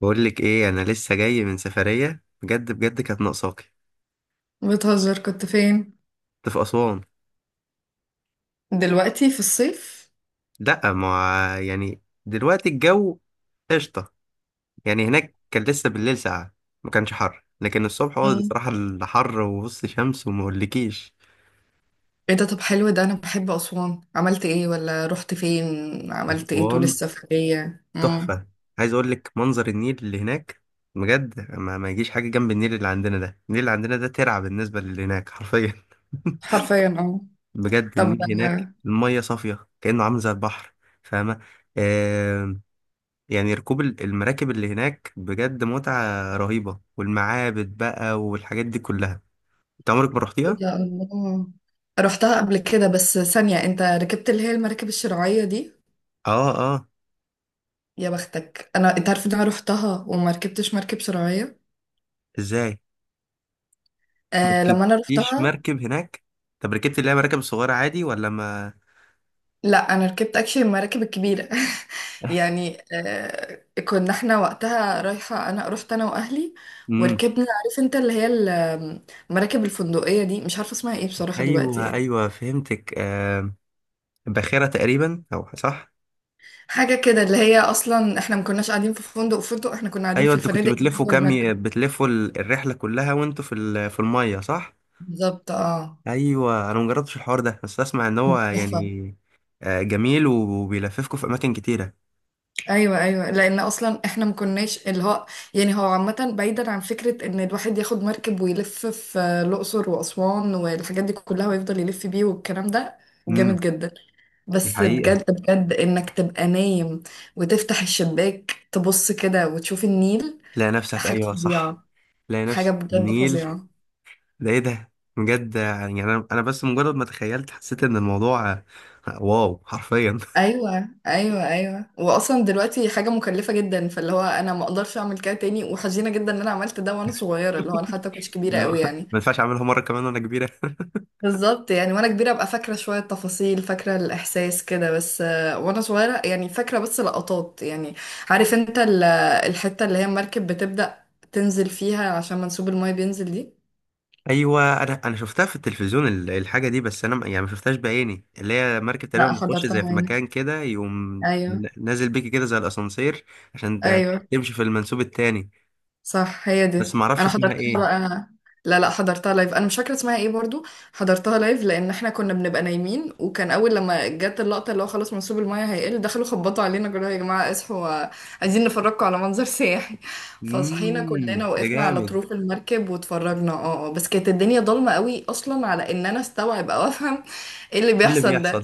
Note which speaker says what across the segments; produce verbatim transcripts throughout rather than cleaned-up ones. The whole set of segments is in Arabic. Speaker 1: بقول لك ايه، انا لسه جاي من سفريه بجد بجد. كانت ناقصاكي.
Speaker 2: بتهزر؟ كنت فين؟
Speaker 1: كنت في اسوان.
Speaker 2: دلوقتي في الصيف؟
Speaker 1: لا، ما، يعني دلوقتي الجو قشطه. يعني هناك كان لسه بالليل ساقعه. ما كانش حر، لكن الصبح هو
Speaker 2: مم.
Speaker 1: بصراحه الحر وبص شمس وما اقولكيش.
Speaker 2: ايه ده؟ طب حلو ده، انا بحب اسوان. عملت ايه ولا رحت فين؟ عملت ايه طول
Speaker 1: اسوان
Speaker 2: السفرية؟ مم.
Speaker 1: تحفه. عايز اقول لك منظر النيل اللي هناك بجد ما, ما يجيش حاجه جنب النيل اللي عندنا ده. النيل اللي عندنا ده ترعه بالنسبه للي هناك، حرفيا.
Speaker 2: حرفيا اه.
Speaker 1: بجد
Speaker 2: طب
Speaker 1: النيل هناك،
Speaker 2: آه،
Speaker 1: المية صافية كأنه عامل زي البحر. فاهمة؟ يعني ركوب ال- المراكب اللي هناك بجد متعة رهيبة، والمعابد بقى والحاجات دي كلها. انت عمرك ما
Speaker 2: إيه
Speaker 1: رحتيها؟
Speaker 2: ده، الله. رحتها قبل كده، بس ثانية، انت ركبت اللي هي المراكب الشراعية دي؟
Speaker 1: اه، اه.
Speaker 2: يا بختك انا، انت عارف ان انا رحتها وما ركبتش مركب شراعية؟
Speaker 1: ازاي؟ ما
Speaker 2: آه لما انا
Speaker 1: ركبتيش
Speaker 2: رحتها،
Speaker 1: مركب هناك؟ طب ركبتي اللي هي مراكب صغيرة عادي ولا ما.
Speaker 2: لا انا ركبت اكشلي المراكب الكبيره. يعني آه، كنا احنا وقتها رايحه، انا رحت انا واهلي
Speaker 1: امم.
Speaker 2: وركبنا. عارف انت اللي هي ال- المراكب الفندقيه دي؟ مش عارفه اسمها ايه بصراحه دلوقتي،
Speaker 1: ايوه،
Speaker 2: يعني
Speaker 1: ايوه، فهمتك، آه. باخرة تقريبا، او صح؟
Speaker 2: حاجه كده، اللي هي اصلا احنا ما كناش قاعدين في فندق فندق، احنا كنا قاعدين
Speaker 1: ايوه،
Speaker 2: في
Speaker 1: انتوا كنتوا
Speaker 2: الفنادق اللي هي
Speaker 1: بتلفوا
Speaker 2: جوه
Speaker 1: كام
Speaker 2: المركب.
Speaker 1: ي- بتلفوا ال- الرحلة كلها وانتوا في ال- في المية، صح؟
Speaker 2: بالظبط اه.
Speaker 1: ايوه، انا مجربتش الحوار ده، بس اسمع ان هو
Speaker 2: تحفة.
Speaker 1: يعني آه، جميل وبيلففكوا في اماكن كتيرة.
Speaker 2: ايوه ايوه، لان اصلا احنا ما كناش اللي هو، يعني هو عامه بعيدا عن فكره ان الواحد ياخد مركب ويلف في الاقصر واسوان والحاجات دي كلها، ويفضل يلف بيه والكلام ده،
Speaker 1: امم.
Speaker 2: جامد جدا.
Speaker 1: دي
Speaker 2: بس
Speaker 1: حقيقة.
Speaker 2: بجد بجد، انك تبقى نايم وتفتح الشباك تبص كده وتشوف النيل،
Speaker 1: تلاقي نفسك،
Speaker 2: حاجه
Speaker 1: أيوه، صح.
Speaker 2: فظيعه،
Speaker 1: تلاقي
Speaker 2: حاجه
Speaker 1: نفسك في
Speaker 2: بجد
Speaker 1: النيل.
Speaker 2: فظيعه.
Speaker 1: ده إيه ده. بجد يعني أنا أنا بس مجرد ما تخيلت، حسيت إن الموضوع آه، واو، حرفيا.
Speaker 2: ايوه ايوه ايوه، واصلا دلوقتي حاجه مكلفه جدا، فاللي هو انا ما اقدرش اعمل كده تاني، وحزينه جدا ان انا عملت ده وانا صغيره، اللي هو انا حتى كنتش كبيره
Speaker 1: لا،
Speaker 2: قوي
Speaker 1: ما
Speaker 2: يعني.
Speaker 1: ينفعش أعملها مرة كمان وأنا كبيرة.
Speaker 2: بالظبط، يعني وانا كبيره ابقى فاكره شويه تفاصيل، فاكره الاحساس كده بس، آه، وانا صغيره يعني فاكره بس لقطات يعني. عارف انت ال- الحته اللي هي المركب بتبدا تنزل فيها عشان منسوب المايه بينزل دي؟
Speaker 1: أيوه، أنا أنا شفتها في التلفزيون ال- الحاجة دي. بس أنا ما- يعني ما شفتهاش بعيني. اللي هي مركب
Speaker 2: لا
Speaker 1: تقريبا بتخش
Speaker 2: حضرتها
Speaker 1: زي في
Speaker 2: هنا.
Speaker 1: مكان كده، يقوم
Speaker 2: ايوه
Speaker 1: من- نازل بيكي كده زي الأسانسير. عشان ت-
Speaker 2: ايوه
Speaker 1: تمشي في المنسوب التاني.
Speaker 2: صح، هي
Speaker 1: بس
Speaker 2: دي.
Speaker 1: ما أعرفش
Speaker 2: انا
Speaker 1: اسمها
Speaker 2: حضرتها
Speaker 1: إيه.
Speaker 2: بقى، لا لا حضرتها لايف، انا مش فاكره اسمها ايه برضو. حضرتها لايف، لان احنا كنا بنبقى نايمين، وكان اول لما جت اللقطه اللي هو خلاص منسوب المايه هيقل، دخلوا خبطوا علينا قالوا يا جماعه اصحوا، عايزين نفرجكم على منظر سياحي. فصحينا كلنا
Speaker 1: مم ده
Speaker 2: وقفنا على
Speaker 1: جامد.
Speaker 2: طروف المركب واتفرجنا، اه آه. بس كانت الدنيا ضلمه قوي اصلا على ان انا استوعب او افهم ايه اللي
Speaker 1: إيه اللي
Speaker 2: بيحصل
Speaker 1: بيحصل.
Speaker 2: ده.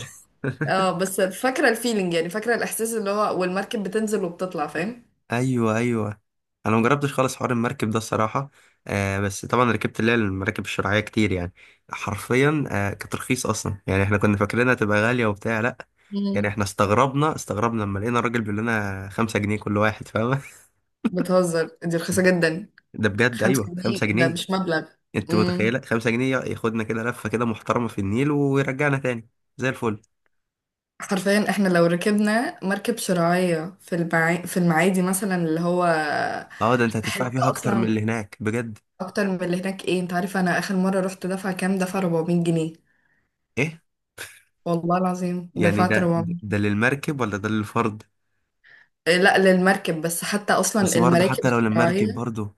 Speaker 2: اه بس فاكره الفيلينج، يعني فاكره الاحساس اللي هو والمركب بتنزل وبتطلع، فاهم؟
Speaker 1: ايوه، ايوه. انا مجربتش خالص حوار المركب ده الصراحه. آه، بس طبعا ركبت اللي هي المراكب الشراعيه كتير يعني. حرفيا، آه كانت رخيصه اصلا. يعني احنا كنا فاكرينها تبقى غاليه وبتاع، لا. يعني
Speaker 2: مم.
Speaker 1: احنا استغربنا استغربنا لما لقينا الراجل بيقول لنا خمسة جنيه كل واحد، فاهمه.
Speaker 2: بتهزر، دي رخيصه جدا.
Speaker 1: ده بجد،
Speaker 2: خمسة
Speaker 1: ايوه، خمسة
Speaker 2: جنيه ده
Speaker 1: جنيه.
Speaker 2: مش مبلغ.
Speaker 1: انت
Speaker 2: امم.
Speaker 1: متخيله خمسة جنيه ياخدنا كده لفه كده محترمه في النيل ويرجعنا تاني؟ زي الفل.
Speaker 2: حرفيا احنا لو ركبنا مركب شراعية في المعا... في المعادي مثلا، اللي هو
Speaker 1: اه، ده انت هتدفع
Speaker 2: حتة
Speaker 1: فيها اكتر من
Speaker 2: أصلا.
Speaker 1: اللي هناك بجد.
Speaker 2: أكتر من اللي هناك؟ ايه، انت عارف أنا آخر مرة رحت دفع كام؟ دفع أربعمية جنيه.
Speaker 1: ايه.
Speaker 2: والله العظيم
Speaker 1: يعني
Speaker 2: دفعت
Speaker 1: ده ده
Speaker 2: أربعمية.
Speaker 1: للمركب ولا ده للفرد.
Speaker 2: إيه، لا للمركب، بس حتى أصلا
Speaker 1: بس برضه
Speaker 2: المراكب
Speaker 1: حتى لو للمركب
Speaker 2: الشراعية،
Speaker 1: برضه.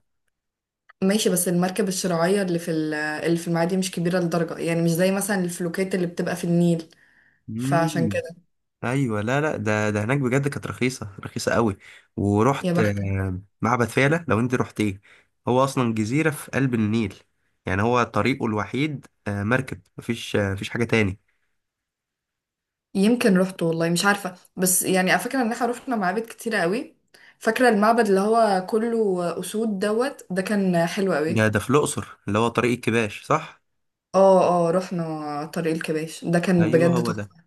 Speaker 2: ماشي، بس المركب الشراعية اللي في ال- اللي في المعادي مش كبيرة لدرجة، يعني مش زي مثلا الفلوكات اللي بتبقى في النيل، فعشان
Speaker 1: مم.
Speaker 2: كده.
Speaker 1: ايوه، لا لا، ده ده هناك بجد كانت رخيصه رخيصه قوي.
Speaker 2: يا
Speaker 1: ورحت
Speaker 2: بختك.
Speaker 1: آه، معبد فيلة، لو انت رحت ايه. هو اصلا جزيره في قلب النيل. يعني هو طريقه الوحيد آه، مركب، مفيش آه، مفيش حاجه تاني.
Speaker 2: يمكن رحت والله مش عارفة، بس يعني فاكرة ان احنا رحنا معابد كتيرة قوي. فاكرة المعبد اللي هو كله أسود دوت ده، كان حلو قوي.
Speaker 1: ده ده في الاقصر اللي هو طريق الكباش، صح.
Speaker 2: اه اه، رحنا طريق الكباش، ده كان
Speaker 1: ايوه،
Speaker 2: بجد
Speaker 1: هو ده.
Speaker 2: تحفة.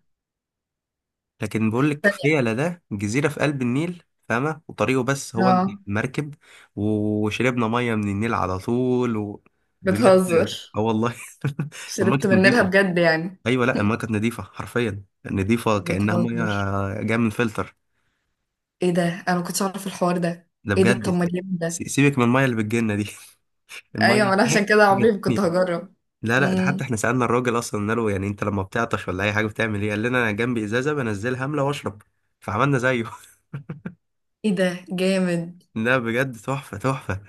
Speaker 1: لكن بقول لك
Speaker 2: تانية.
Speaker 1: فيلة ده جزيره في قلب النيل، فاهمه؟ وطريقه بس هو انت
Speaker 2: اه.
Speaker 1: مركب. وشربنا ميه من النيل على طول و... بجد.
Speaker 2: بتهزر،
Speaker 1: اه، والله. والله
Speaker 2: شربت
Speaker 1: كانت
Speaker 2: من نيلها
Speaker 1: نضيفه.
Speaker 2: بجد يعني؟
Speaker 1: ايوه، لا، المايه كانت نظيفه حرفيا. نظيفه كانها ميه
Speaker 2: بتهزر.
Speaker 1: جايه من فلتر.
Speaker 2: ايه ده، انا ما كنتش اعرف الحوار ده.
Speaker 1: ده
Speaker 2: ايه ده،
Speaker 1: بجد.
Speaker 2: طب ما جامد
Speaker 1: س-
Speaker 2: ده.
Speaker 1: سيبك من المايه اللي بتجيلنا دي. المايه
Speaker 2: ايوه ما
Speaker 1: اللي
Speaker 2: انا عشان
Speaker 1: هناك
Speaker 2: كده
Speaker 1: حاجه
Speaker 2: عمري ما
Speaker 1: تانية.
Speaker 2: كنت هجرب.
Speaker 1: لا لا، ده
Speaker 2: امم.
Speaker 1: حتى احنا سالنا الراجل اصلا، قلنا له يعني انت لما بتعطش ولا اي حاجه بتعمل ايه، قال لنا انا جنبي ازازه بنزلها املى واشرب. فعملنا زيه.
Speaker 2: ايه ده جامد.
Speaker 1: لا، بجد تحفه تحفه.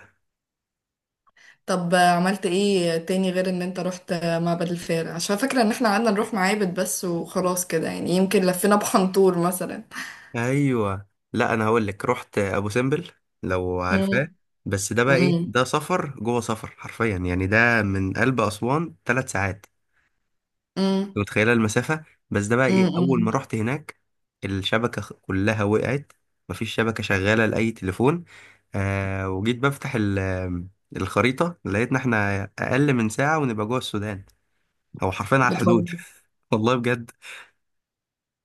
Speaker 2: طب عملت ايه تاني غير ان انت رحت معبد الفيل؟ عشان فاكرة ان احنا قعدنا نروح معابد بس، وخلاص كده يعني، يمكن لفينا بحنطور مثلا.
Speaker 1: ايوه، لا، انا هقول لك رحت ابو سمبل، لو
Speaker 2: امم.
Speaker 1: عارفاه. بس ده بقى ايه،
Speaker 2: امم.
Speaker 1: ده سفر جوه سفر، حرفيا. يعني ده من قلب اسوان ثلاث ساعات. انت
Speaker 2: امم.
Speaker 1: متخيله المسافه؟ بس ده بقى ايه، اول ما
Speaker 2: امم.
Speaker 1: رحت هناك الشبكه خ- كلها وقعت. مفيش شبكه شغاله لاي تليفون. آه وجيت بفتح ال- الخريطه، لقيتنا احنا اقل من ساعه ونبقى جوه السودان. هو حرفيا على
Speaker 2: بتهزر.
Speaker 1: الحدود، والله بجد.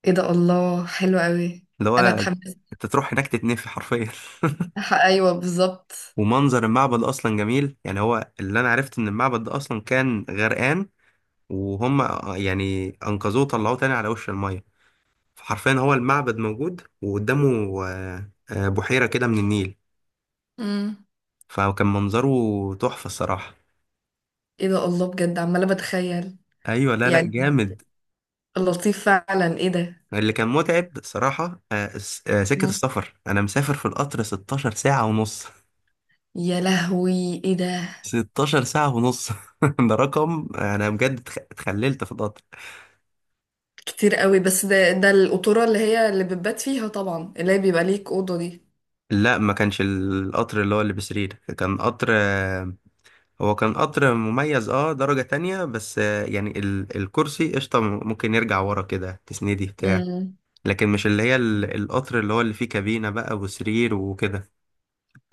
Speaker 2: ايه ده، الله، حلو قوي.
Speaker 1: اللي هو
Speaker 2: انا اتحمست.
Speaker 1: انت تروح هناك تتنفي حرفيا.
Speaker 2: ح- ايوه بالظبط.
Speaker 1: ومنظر المعبد اصلا جميل. يعني هو اللي انا عرفت ان المعبد ده اصلا كان غرقان، وهم يعني انقذوه وطلعوه تاني على وش الميه. فحرفيا هو المعبد موجود، وقدامه آه، آه، بحيرة كده من النيل.
Speaker 2: امم.
Speaker 1: فكان منظره تحفة الصراحة.
Speaker 2: ايه ده الله، بجد عمالة بتخيل،
Speaker 1: أيوة، لا لا،
Speaker 2: يعني
Speaker 1: جامد.
Speaker 2: لطيف فعلا، ايه ده.
Speaker 1: اللي كان متعب صراحة آه، الس- آه، سكة
Speaker 2: مم.
Speaker 1: السفر، أنا مسافر في القطر ستاشر ساعة ونص ساعة ونص.
Speaker 2: يا لهوي ايه ده.
Speaker 1: ستاشر ساعة ونص ساعة ونص. ده رقم. أنا بجد اتخ- اتخللت في القطر.
Speaker 2: كتير قوي، بس ده ده القطورة اللي هي اللي بتبات فيها طبعا، اللي هي بيبقى ليك أوضة دي.
Speaker 1: لا، ما كانش القطر اللي هو اللي بسرير، كان قطر آه، هو كان قطر مميز، اه درجة تانية بس، آه، يعني ال- الكرسي قشطة، ممكن يرجع ورا كده تسندي بتاع.
Speaker 2: مم.
Speaker 1: لكن مش اللي هي ال- القطر اللي هو اللي فيه كابينة بقى وسرير وكده.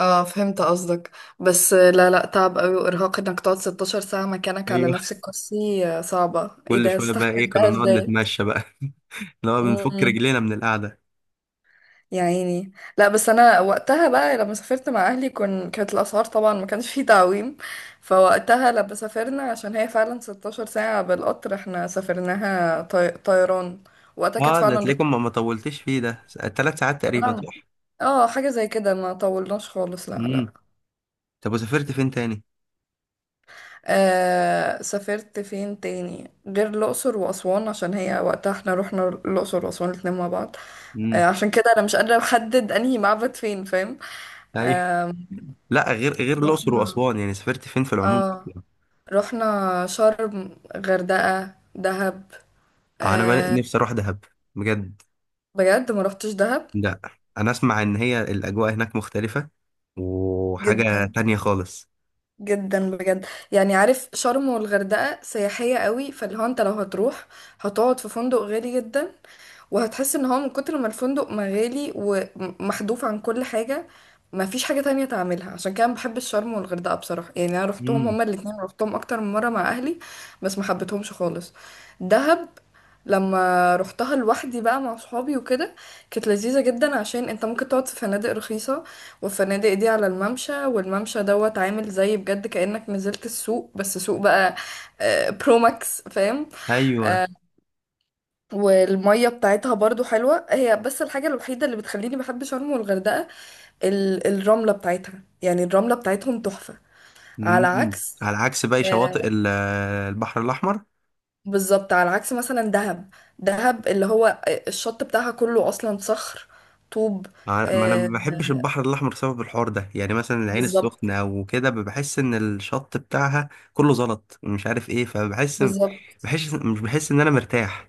Speaker 2: اه فهمت قصدك. بس لا لا، تعب قوي وارهاق انك تقعد ستة عشر ساعة مكانك على
Speaker 1: ايوه،
Speaker 2: نفس الكرسي، آه، صعبة، ايه
Speaker 1: كل
Speaker 2: ده،
Speaker 1: شوية بقى ايه
Speaker 2: استحمل
Speaker 1: كنا
Speaker 2: ده
Speaker 1: نقعد
Speaker 2: ازاي؟
Speaker 1: نتمشى بقى. اللي هو بنفك
Speaker 2: امم.
Speaker 1: رجلينا من القعدة.
Speaker 2: يا عيني. لا بس انا وقتها بقى لما سافرت مع اهلي، كن كانت الاسعار طبعا ما كانش فيه تعويم. فوقتها لما سافرنا، عشان هي فعلا ستاشر ساعة بالقطر، احنا سافرناها طي... طيران، وقتها كانت
Speaker 1: اه، ده
Speaker 2: فعلا رخيصة.
Speaker 1: تلاقيكم ما ما طولتش فيه، ده س- تلات ساعات تقريبا،
Speaker 2: لا،
Speaker 1: صح؟
Speaker 2: اه حاجة زي كده، ما طولناش خالص، لا
Speaker 1: امم.
Speaker 2: لا.
Speaker 1: طب وسافرت فين تاني؟
Speaker 2: آه سافرت فين تاني غير الأقصر وأسوان؟ عشان هي وقتها احنا رحنا الأقصر وأسوان الاتنين مع بعض.
Speaker 1: امم.
Speaker 2: آه عشان كده أنا مش قادرة أحدد أنهي معبد فين، فاهم؟
Speaker 1: ايوه.
Speaker 2: آه
Speaker 1: لا، غير غير الأقصر
Speaker 2: رحنا،
Speaker 1: وأسوان، يعني سافرت فين في العموم؟
Speaker 2: اه، رحنا شرم، غردقة، دهب،
Speaker 1: آه، انا بقى
Speaker 2: آه.
Speaker 1: نفسي اروح دهب. بجد.
Speaker 2: بجد ما رحتش دهب؟
Speaker 1: لا، انا اسمع ان هي الاجواء هناك مختلفة وحاجة
Speaker 2: جدا،
Speaker 1: تانية خالص.
Speaker 2: جدا بجد يعني. عارف شرم والغردقة سياحية قوي، فاللي هو انت لو هتروح هتقعد في فندق غالي جدا، وهتحس ان هو من كتر ما الفندق مغالي ومحذوف عن كل حاجة، ما فيش حاجة تانية تعملها. عشان كده أنا بحب الشرم والغردقة بصراحة، يعني انا روحتهم
Speaker 1: امم.
Speaker 2: هما الاتنين، روحتهم اكتر من مرة مع اهلي، بس ما حبيتهمش خالص. دهب لما روحتها لوحدي بقى مع صحابي وكده كانت لذيذة جدا، عشان انت ممكن تقعد في فنادق رخيصة، والفنادق دي على الممشى، والممشى دوت عامل زي بجد كأنك نزلت السوق، بس سوق بقى آه، برو ماكس، فاهم؟
Speaker 1: ايوه.
Speaker 2: والمية بتاعتها برضو حلوة هي، بس الحاجة الوحيدة اللي بتخليني بحب شرم والغردقة، ال- الرملة بتاعتها، يعني الرملة بتاعتهم تحفة. على
Speaker 1: مم.
Speaker 2: عكس
Speaker 1: على عكس باقي شواطئ
Speaker 2: آه،
Speaker 1: ال- البحر الأحمر.
Speaker 2: بالظبط، على عكس مثلا دهب. دهب اللي هو آه، الشط بتاعها كله أصلا صخر، طوب.
Speaker 1: ع- ما أنا
Speaker 2: آه،
Speaker 1: ما بحبش البحر الأحمر بسبب الحوار ده. يعني مثلا العين
Speaker 2: بالظبط،
Speaker 1: السخنة أو كده، بحس إن الشط بتاعها كله زلط مش عارف إيه، فبحس.
Speaker 2: بالظبط.
Speaker 1: بحس، مش، بحس إن أنا مرتاح.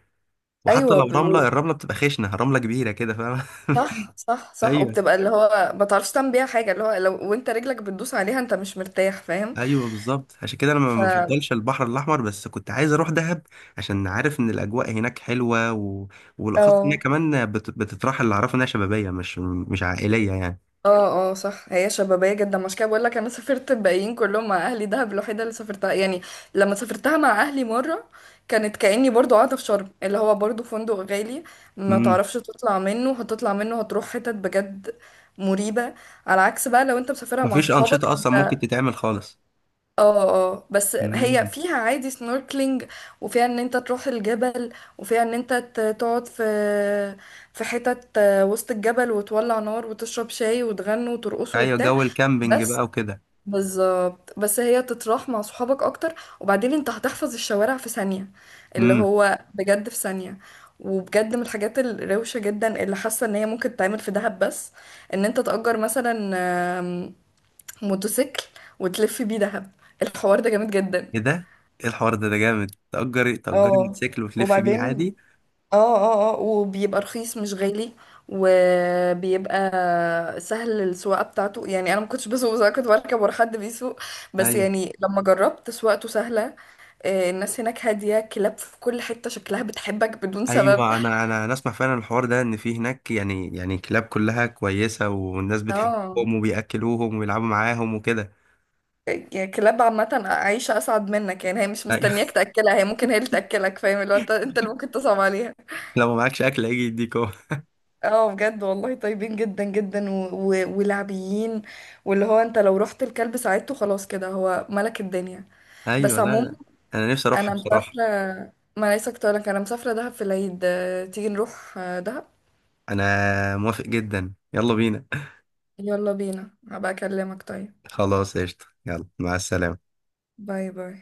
Speaker 1: وحتى
Speaker 2: أيوة
Speaker 1: لو
Speaker 2: ب-
Speaker 1: رملة
Speaker 2: و-
Speaker 1: الرملة بتبقى خشنة، رملة كبيرة كده، فاهم؟
Speaker 2: صح صح صح،
Speaker 1: أيوه،
Speaker 2: وبتبقى اللي هو ما تعرفش تعمل بيها حاجة، اللي هو لو وانت رجلك بتدوس عليها انت مش مرتاح، فاهم؟
Speaker 1: أيوه، بالظبط. عشان كده أنا
Speaker 2: ف،
Speaker 1: ما بفضلش البحر الأحمر، بس كنت عايز أروح دهب. عشان عارف إن الأجواء هناك حلوة و... والأخص إن هي
Speaker 2: اه
Speaker 1: كمان بت... بتتراحل. اللي أعرفه إنها شبابية، مش مش عائلية.
Speaker 2: اه اه، صح، هي شبابية جدا، مش كده بقول لك، انا سافرت الباقيين كلهم مع اهلي، دهب الوحيدة اللي سافرتها يعني. لما سافرتها مع اهلي مرة كانت كأني برضو قاعدة في شرم، اللي هو برضو فندق غالي، ما
Speaker 1: يعني
Speaker 2: تعرفش تطلع منه، هتطلع منه هتروح حتت بجد مريبة. على عكس بقى لو انت مسافرها مع
Speaker 1: مفيش
Speaker 2: صحابك
Speaker 1: أنشطة أصلا
Speaker 2: انت.
Speaker 1: ممكن تتعمل خالص.
Speaker 2: اه. اه بس هي
Speaker 1: مم.
Speaker 2: فيها عادي سنوركلينج، وفيها ان انت تروح الجبل، وفيها ان انت ت- تقعد في، في حتت وسط الجبل، وتولع نار وتشرب شاي وتغنوا وترقصوا
Speaker 1: أيوة،
Speaker 2: وبتاع.
Speaker 1: جو الكامبينج
Speaker 2: بس،
Speaker 1: بقى وكده.
Speaker 2: بالظبط، بس هي تتراح مع صحابك اكتر، وبعدين انت هتحفظ الشوارع في ثانية، اللي
Speaker 1: امم.
Speaker 2: هو بجد في ثانية. وبجد من الحاجات الروشة جدا اللي حاسة ان هي ممكن تتعمل في دهب بس، ان انت تأجر مثلا موتوسيكل، وتلف بيه دهب، الحوار ده جامد جدا.
Speaker 1: إيه ده؟ إيه الحوار ده ده جامد. تأجري تأجري
Speaker 2: اه،
Speaker 1: موتوسيكل وتلف بيه
Speaker 2: وبعدين،
Speaker 1: عادي.
Speaker 2: اه اه اه، وبيبقى رخيص مش غالي، وبيبقى سهل السواقة بتاعته، يعني انا ما كنتش بسوق، بس انا كنت بركب ورا حد بيسوق، بس
Speaker 1: أيوة،
Speaker 2: يعني لما جربت سواقته سهلة. آه، الناس هناك هادية، كلاب في كل حتة شكلها بتحبك بدون سبب.
Speaker 1: أيوة، أنا أنا أنا أسمع فعلا الحوار ده، إن في هناك، يعني يعني كلاب كلها كويسة، والناس
Speaker 2: اه،
Speaker 1: بتحبهم وبيأكلوهم ويلعبوا معاهم وكده.
Speaker 2: يعني كلاب عامة عايشة أسعد منك، يعني هي مش
Speaker 1: أيوة.
Speaker 2: مستنياك تأكلها، هي ممكن هي اللي تأكلك، فاهم؟ اللي هو انت انت اللي ممكن تصعب عليها.
Speaker 1: لو معكش أكل هيجي يديك هو.
Speaker 2: اه بجد والله طيبين جدا جدا و... و... ولعبيين، واللي هو انت لو رحت الكلب ساعدته، خلاص كده، هو ملك الدنيا.
Speaker 1: أيوة،
Speaker 2: بس
Speaker 1: لا
Speaker 2: عموما،
Speaker 1: لا. أنا نفسي أروحها
Speaker 2: انا مسافرة،
Speaker 1: بصراحة.
Speaker 2: ما ليس كنت لك، انا مسافرة دهب في العيد، آه، تيجي نروح آه، دهب؟
Speaker 1: أنا موافق جدا، يلا بينا.
Speaker 2: يلا بينا، هبقى اكلمك طيب.
Speaker 1: خلاص قشطة، يلا مع السلامة.
Speaker 2: باي باي.